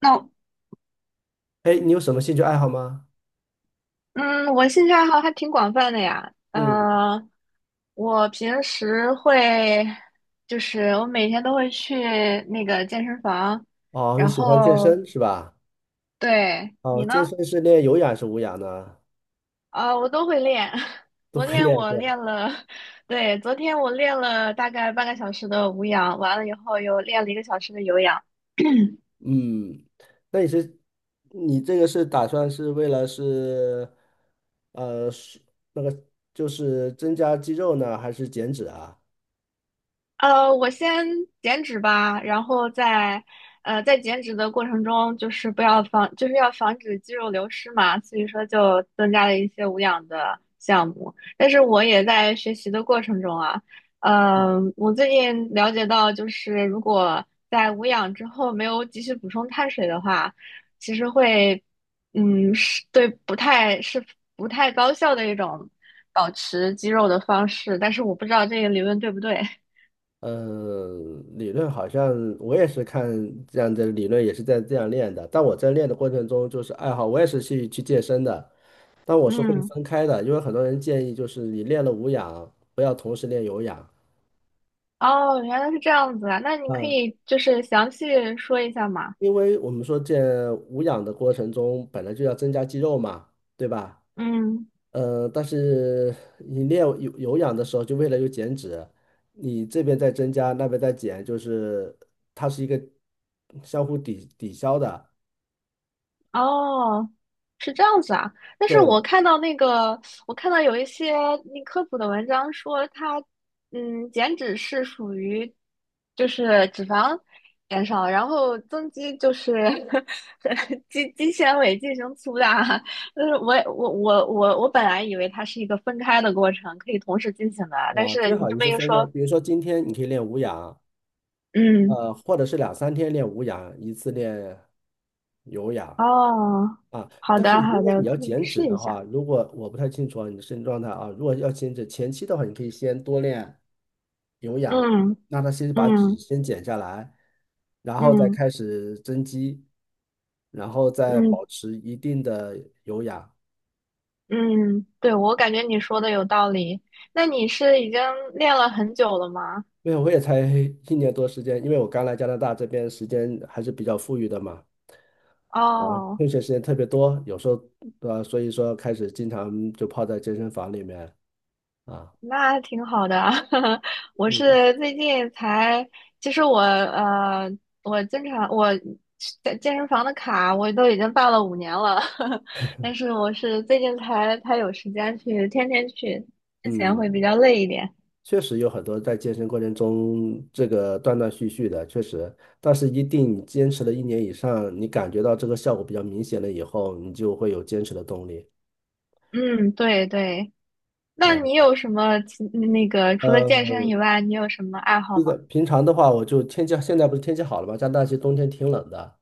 那哎，你有什么兴趣爱好吗？嗯，我兴趣爱好还挺广泛的呀。嗯，嗯，我平时会，就是我每天都会去那个健身房，哦，你然喜欢健后身是吧？对你哦，健呢？身是练有氧还是无氧呢？啊，我都会练。都昨会天练我是吧？练了，对，昨天我练了大概半个小时的无氧，完了以后又练了1个小时的有氧。嗯，那你是你这个是打算是为了是呃是就是增加肌肉呢，还是减脂啊？我先减脂吧，然后在减脂的过程中，就是不要防，就是要防止肌肉流失嘛，所以说就增加了一些无氧的项目。但是我也在学习的过程中啊，我最近了解到，就是如果在无氧之后没有及时补充碳水的话，其实会嗯是对不太是不太高效的一种保持肌肉的方式，但是我不知道这个理论对不对。嗯，理论好像我也是看这样的理论，也是在这样练的。但我在练的过程中，就是爱好，我也是去健身的。但我是会嗯，分开的，因为很多人建议就是你练了无氧，不要同时练有氧。哦，原来是这样子啊，那你可嗯，以就是详细说一下嘛。因为我们说这无氧的过程中本来就要增加肌肉嘛，对吧？嗯，但是你练有氧的时候，就为了有减脂，你这边在增加，那边在减，就是它是一个相互抵消的。哦，是这样子啊。但是对我看到有一些那科普的文章说它，减脂是属于就是脂肪减少，然后增肌就是 肌纤维进行粗大啊。就是我本来以为它是一个分开的过程，可以同时进行的啊，但啊，是最你好这你么是一分开，说，比如说今天你可以练无氧，嗯。或者是两三天练无氧，一次练有氧。哦，啊，好但是的如好果的，你要可以减脂试一的下。话，如果我不太清楚啊你的身体状态啊，如果要减脂前期的话，你可以先多练有氧，嗯让他先把脂嗯先减下来，然后再嗯开始增肌，然后再嗯保持一定的有氧。嗯，对，我感觉你说的有道理。那你是已经练了很久了吗？因为我也才 一年多时间，因为我刚来加拿大这边时间还是比较富裕的嘛，哦，哦，空闲时间特别多，有时候对吧？所以说开始经常就泡在健身房里面啊，那挺好的啊。我嗯。是最近才，其实我经常我在健身房的卡我都已经办了5年了，但是我是最近才有时间去，天天去，之前会比嗯，较累一点。确实有很多在健身过程中这个断断续续的，确实，但是一定你坚持了一年以上，你感觉到这个效果比较明显了以后，你就会有坚持的动力嗯，对对，那你啊。有什么其那个除了健呃，身以外，你有什么爱好这吗？个平常的话，我就天气现在不是天气好了吗？加拿大其实冬天挺冷的，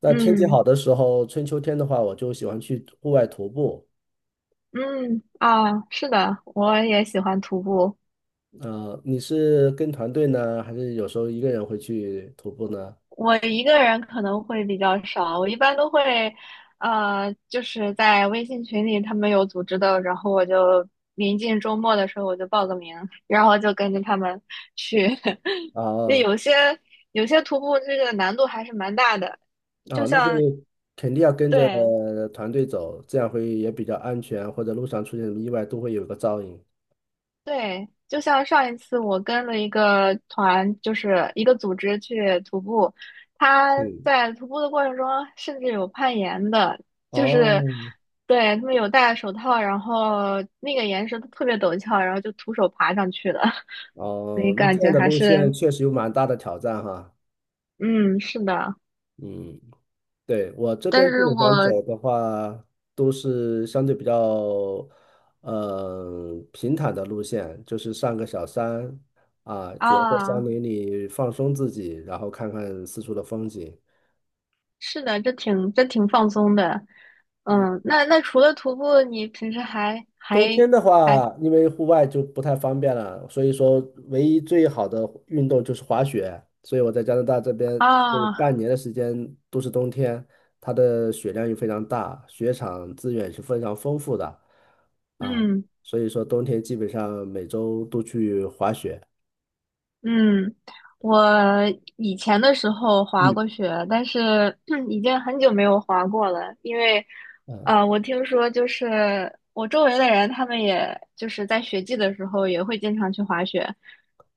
那天气嗯好的时候，春秋天的话，我就喜欢去户外徒步。嗯啊，是的，我也喜欢徒步。你是跟团队呢，还是有时候一个人会去徒步呢？我一个人可能会比较少，我一般都会，就是在微信群里他们有组织的，然后我就临近周末的时候我就报个名，然后就跟着他们去。对，啊，有些徒步这个难度还是蛮大的，就哦，那就像肯定要跟着对团队走，这样会也比较安全，或者路上出现什么意外都会有个照应。对，就像上一次我跟了一个团，就是一个组织去徒步，他嗯，在徒步的过程中甚至有攀岩的，就是哦，对他们有戴手套，然后那个岩石都特别陡峭，然后就徒手爬上去的，所以哦，那感这觉样的还路是线确实有蛮大的挑战哈。嗯是的，嗯，对，我这但边基是本上我走的话，都是相对比较平坦的路线，就是上个小山啊，主要在山啊林里放松自己，然后看看四处的风景。是的，这挺放松的，嗯嗯，那除了徒步，你平时还冬还天的还话，因为户外就不太方便了，所以说唯一最好的运动就是滑雪。所以我在加拿大这边有啊半年的时间都是冬天，它的雪量又非常大，雪场资源是非常丰富的啊。嗯。所以说冬天基本上每周都去滑雪。嗯，我以前的时候滑嗯，过雪，但是 已经很久没有滑过了，因为，我听说就是我周围的人，他们也就是在雪季的时候也会经常去滑雪。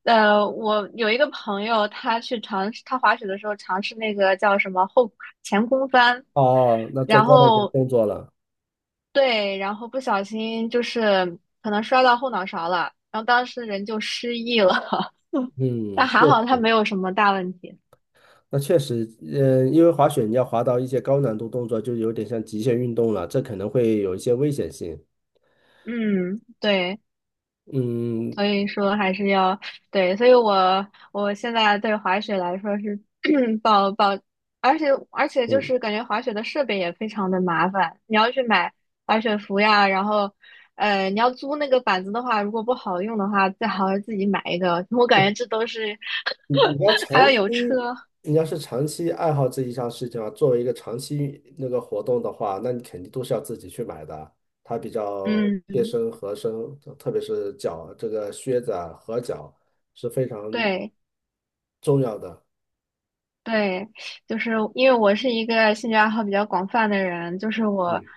我有一个朋友，他去尝试，他滑雪的时候尝试那个叫什么前空翻，哦，那做然高难度后动作了。对，然后不小心就是可能摔到后脑勺了，然后当时人就失忆了。但嗯，还好它对，没有什么大问题。那确实，嗯，因为滑雪你要滑到一些高难度动作，就有点像极限运动了，这可能会有一些危险性。嗯，对，嗯所以说还是要对，所以我现在对滑雪来说是 抱抱 而且就嗯，是感觉滑雪的设备也非常的麻烦，你要去买滑雪服呀，然后你要租那个板子的话，如果不好用的话，最好是自己买一个。我感觉这都是 你要 还长要有车，期，你要是长期爱好这一项事情啊，作为一个长期那个活动的话，那你肯定都是要自己去买的，它比较嗯，贴身合身，特别是脚这个靴子啊合脚是非常对。重要的。对，就是因为我是一个兴趣爱好比较广泛的人，就是我，嗯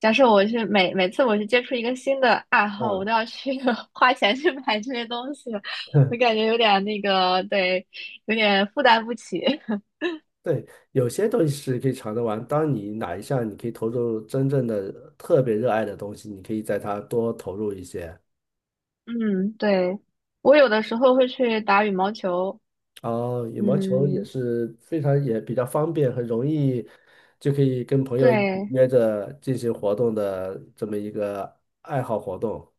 假设我是每次我去接触一个新的爱好，我啊，都要去 花钱去买这些东西，我感 觉有点那个，对，有点负担不起。对，有些东西是可以尝着玩。当你哪一项你可以投入真正的特别热爱的东西，你可以在它多投入一些。嗯，对，我有的时候会去打羽毛球，哦，羽毛球也嗯，是非常也比较方便，很容易就可以跟朋友一起对。约着进行活动的这么一个爱好活动。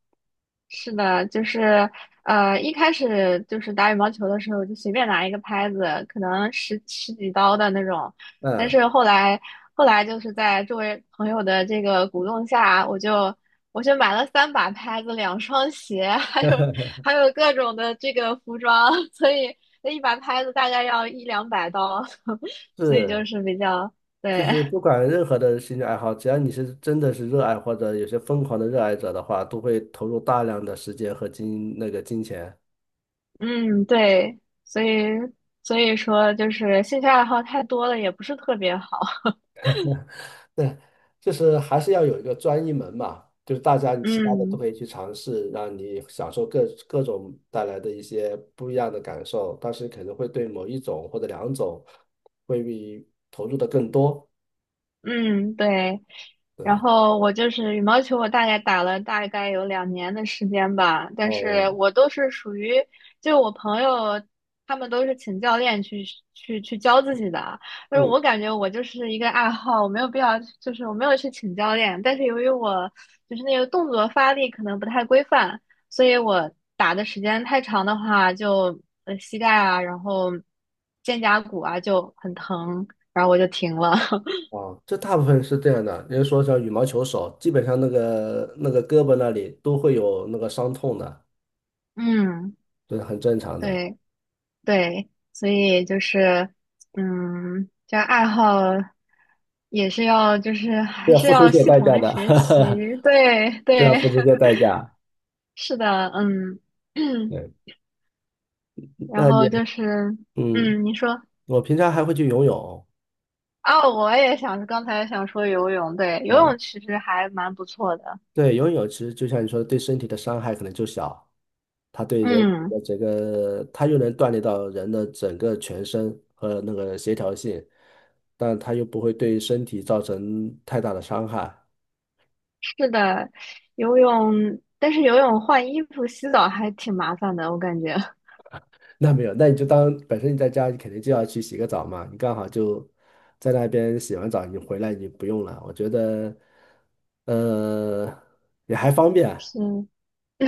是的，就是一开始就是打羽毛球的时候，就随便拿一个拍子，可能十几刀的那种。但嗯，是后来就是在周围朋友的这个鼓动下，我就买了三把拍子、两双鞋，还有各种的这个服装，所以那一把拍子大概要一两百刀，所以就是，是比较就对，是不管任何的兴趣爱好，只要你是真的是热爱或者有些疯狂的热爱者的话，都会投入大量的时间和那个金钱。嗯，对，所以所以说就是兴趣爱好太多了，也不是特别好。对，就是还是要有一个专一门嘛，就是大家你其他的都嗯，可以去尝试，让你享受各种带来的一些不一样的感受，但是可能会对某一种或者两种会比投入的更多。嗯，对。然后我就是羽毛球，我大概打了大概有2年的时间吧，但是哦，我都是属于，就我朋友他们都是请教练去教自己的啊，但是嗯，我感觉我就是一个爱好，我没有必要，就是我没有去请教练，但是由于我就是那个动作发力可能不太规范，所以我打的时间太长的话，就膝盖啊，然后肩胛骨啊就很疼，然后我就停了。啊，这大部分是这样的。比如说像羽毛球手，基本上那个胳膊那里都会有那个伤痛的，嗯，这是很正常的，对对，所以就是，嗯，这爱好也是要，就是这还要是付出一要些系代统价的的，学习，对 这要对，付出一些代价。是的，嗯，对，然那后你就是，嗯。嗯，你说我平常还会去游泳，啊，我也想，刚才想说游泳，对，游啊，泳其实还蛮不错的，对，游泳其实就像你说的，对身体的伤害可能就小，它对人体嗯，的整个，它又能锻炼到人的整个全身和那个协调性，但它又不会对身体造成太大的伤害。是的，游泳，但是游泳换衣服、洗澡还挺麻烦的，我感觉 那没有，那你就当本身你在家，你肯定就要去洗个澡嘛，你刚好就在那边洗完澡，你回来你不用了，我觉得，呃，也还方 便，是，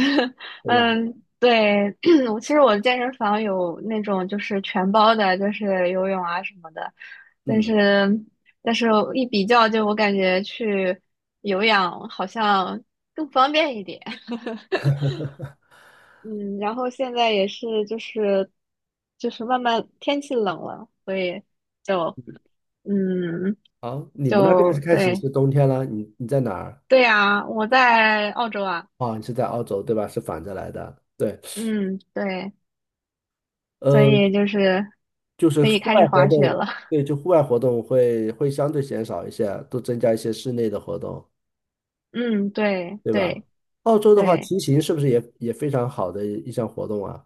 对吧？嗯，对，其实我的健身房有那种就是全包的，就是游泳啊什么的，但是嗯。但是一比较，就我感觉去有氧好像更方便一点。嗯，然后现在也是就是慢慢天气冷了，所以就嗯好，你们那边是开始对是冬天了，你在哪儿？对呀，我在澳洲啊，啊，你是在澳洲对吧？是反着来的，对，嗯对，所呃，以就是就是可以户开外始活滑雪动，了。对，就户外活动会相对减少一些，多增加一些室内的活动，嗯，对对吧？对澳洲的话，对，骑行是不是也也非常好的一项活动啊？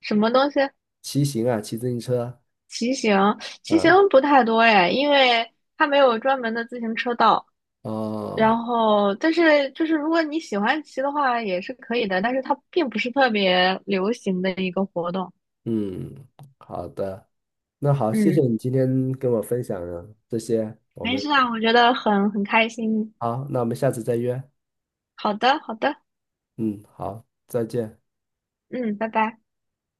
什么东西？骑行啊，骑自行车，骑行，骑行啊，不太多哎，因为它没有专门的自行车道。然哦，后，但是就是如果你喜欢骑的话，也是可以的，但是它并不是特别流行的一个活动。嗯，好的，那好，谢谢嗯，你今天跟我分享了这些，我没们事啊，我觉得很开心。好，那我们下次再约，好的，好的，嗯，好，再见。嗯，拜拜。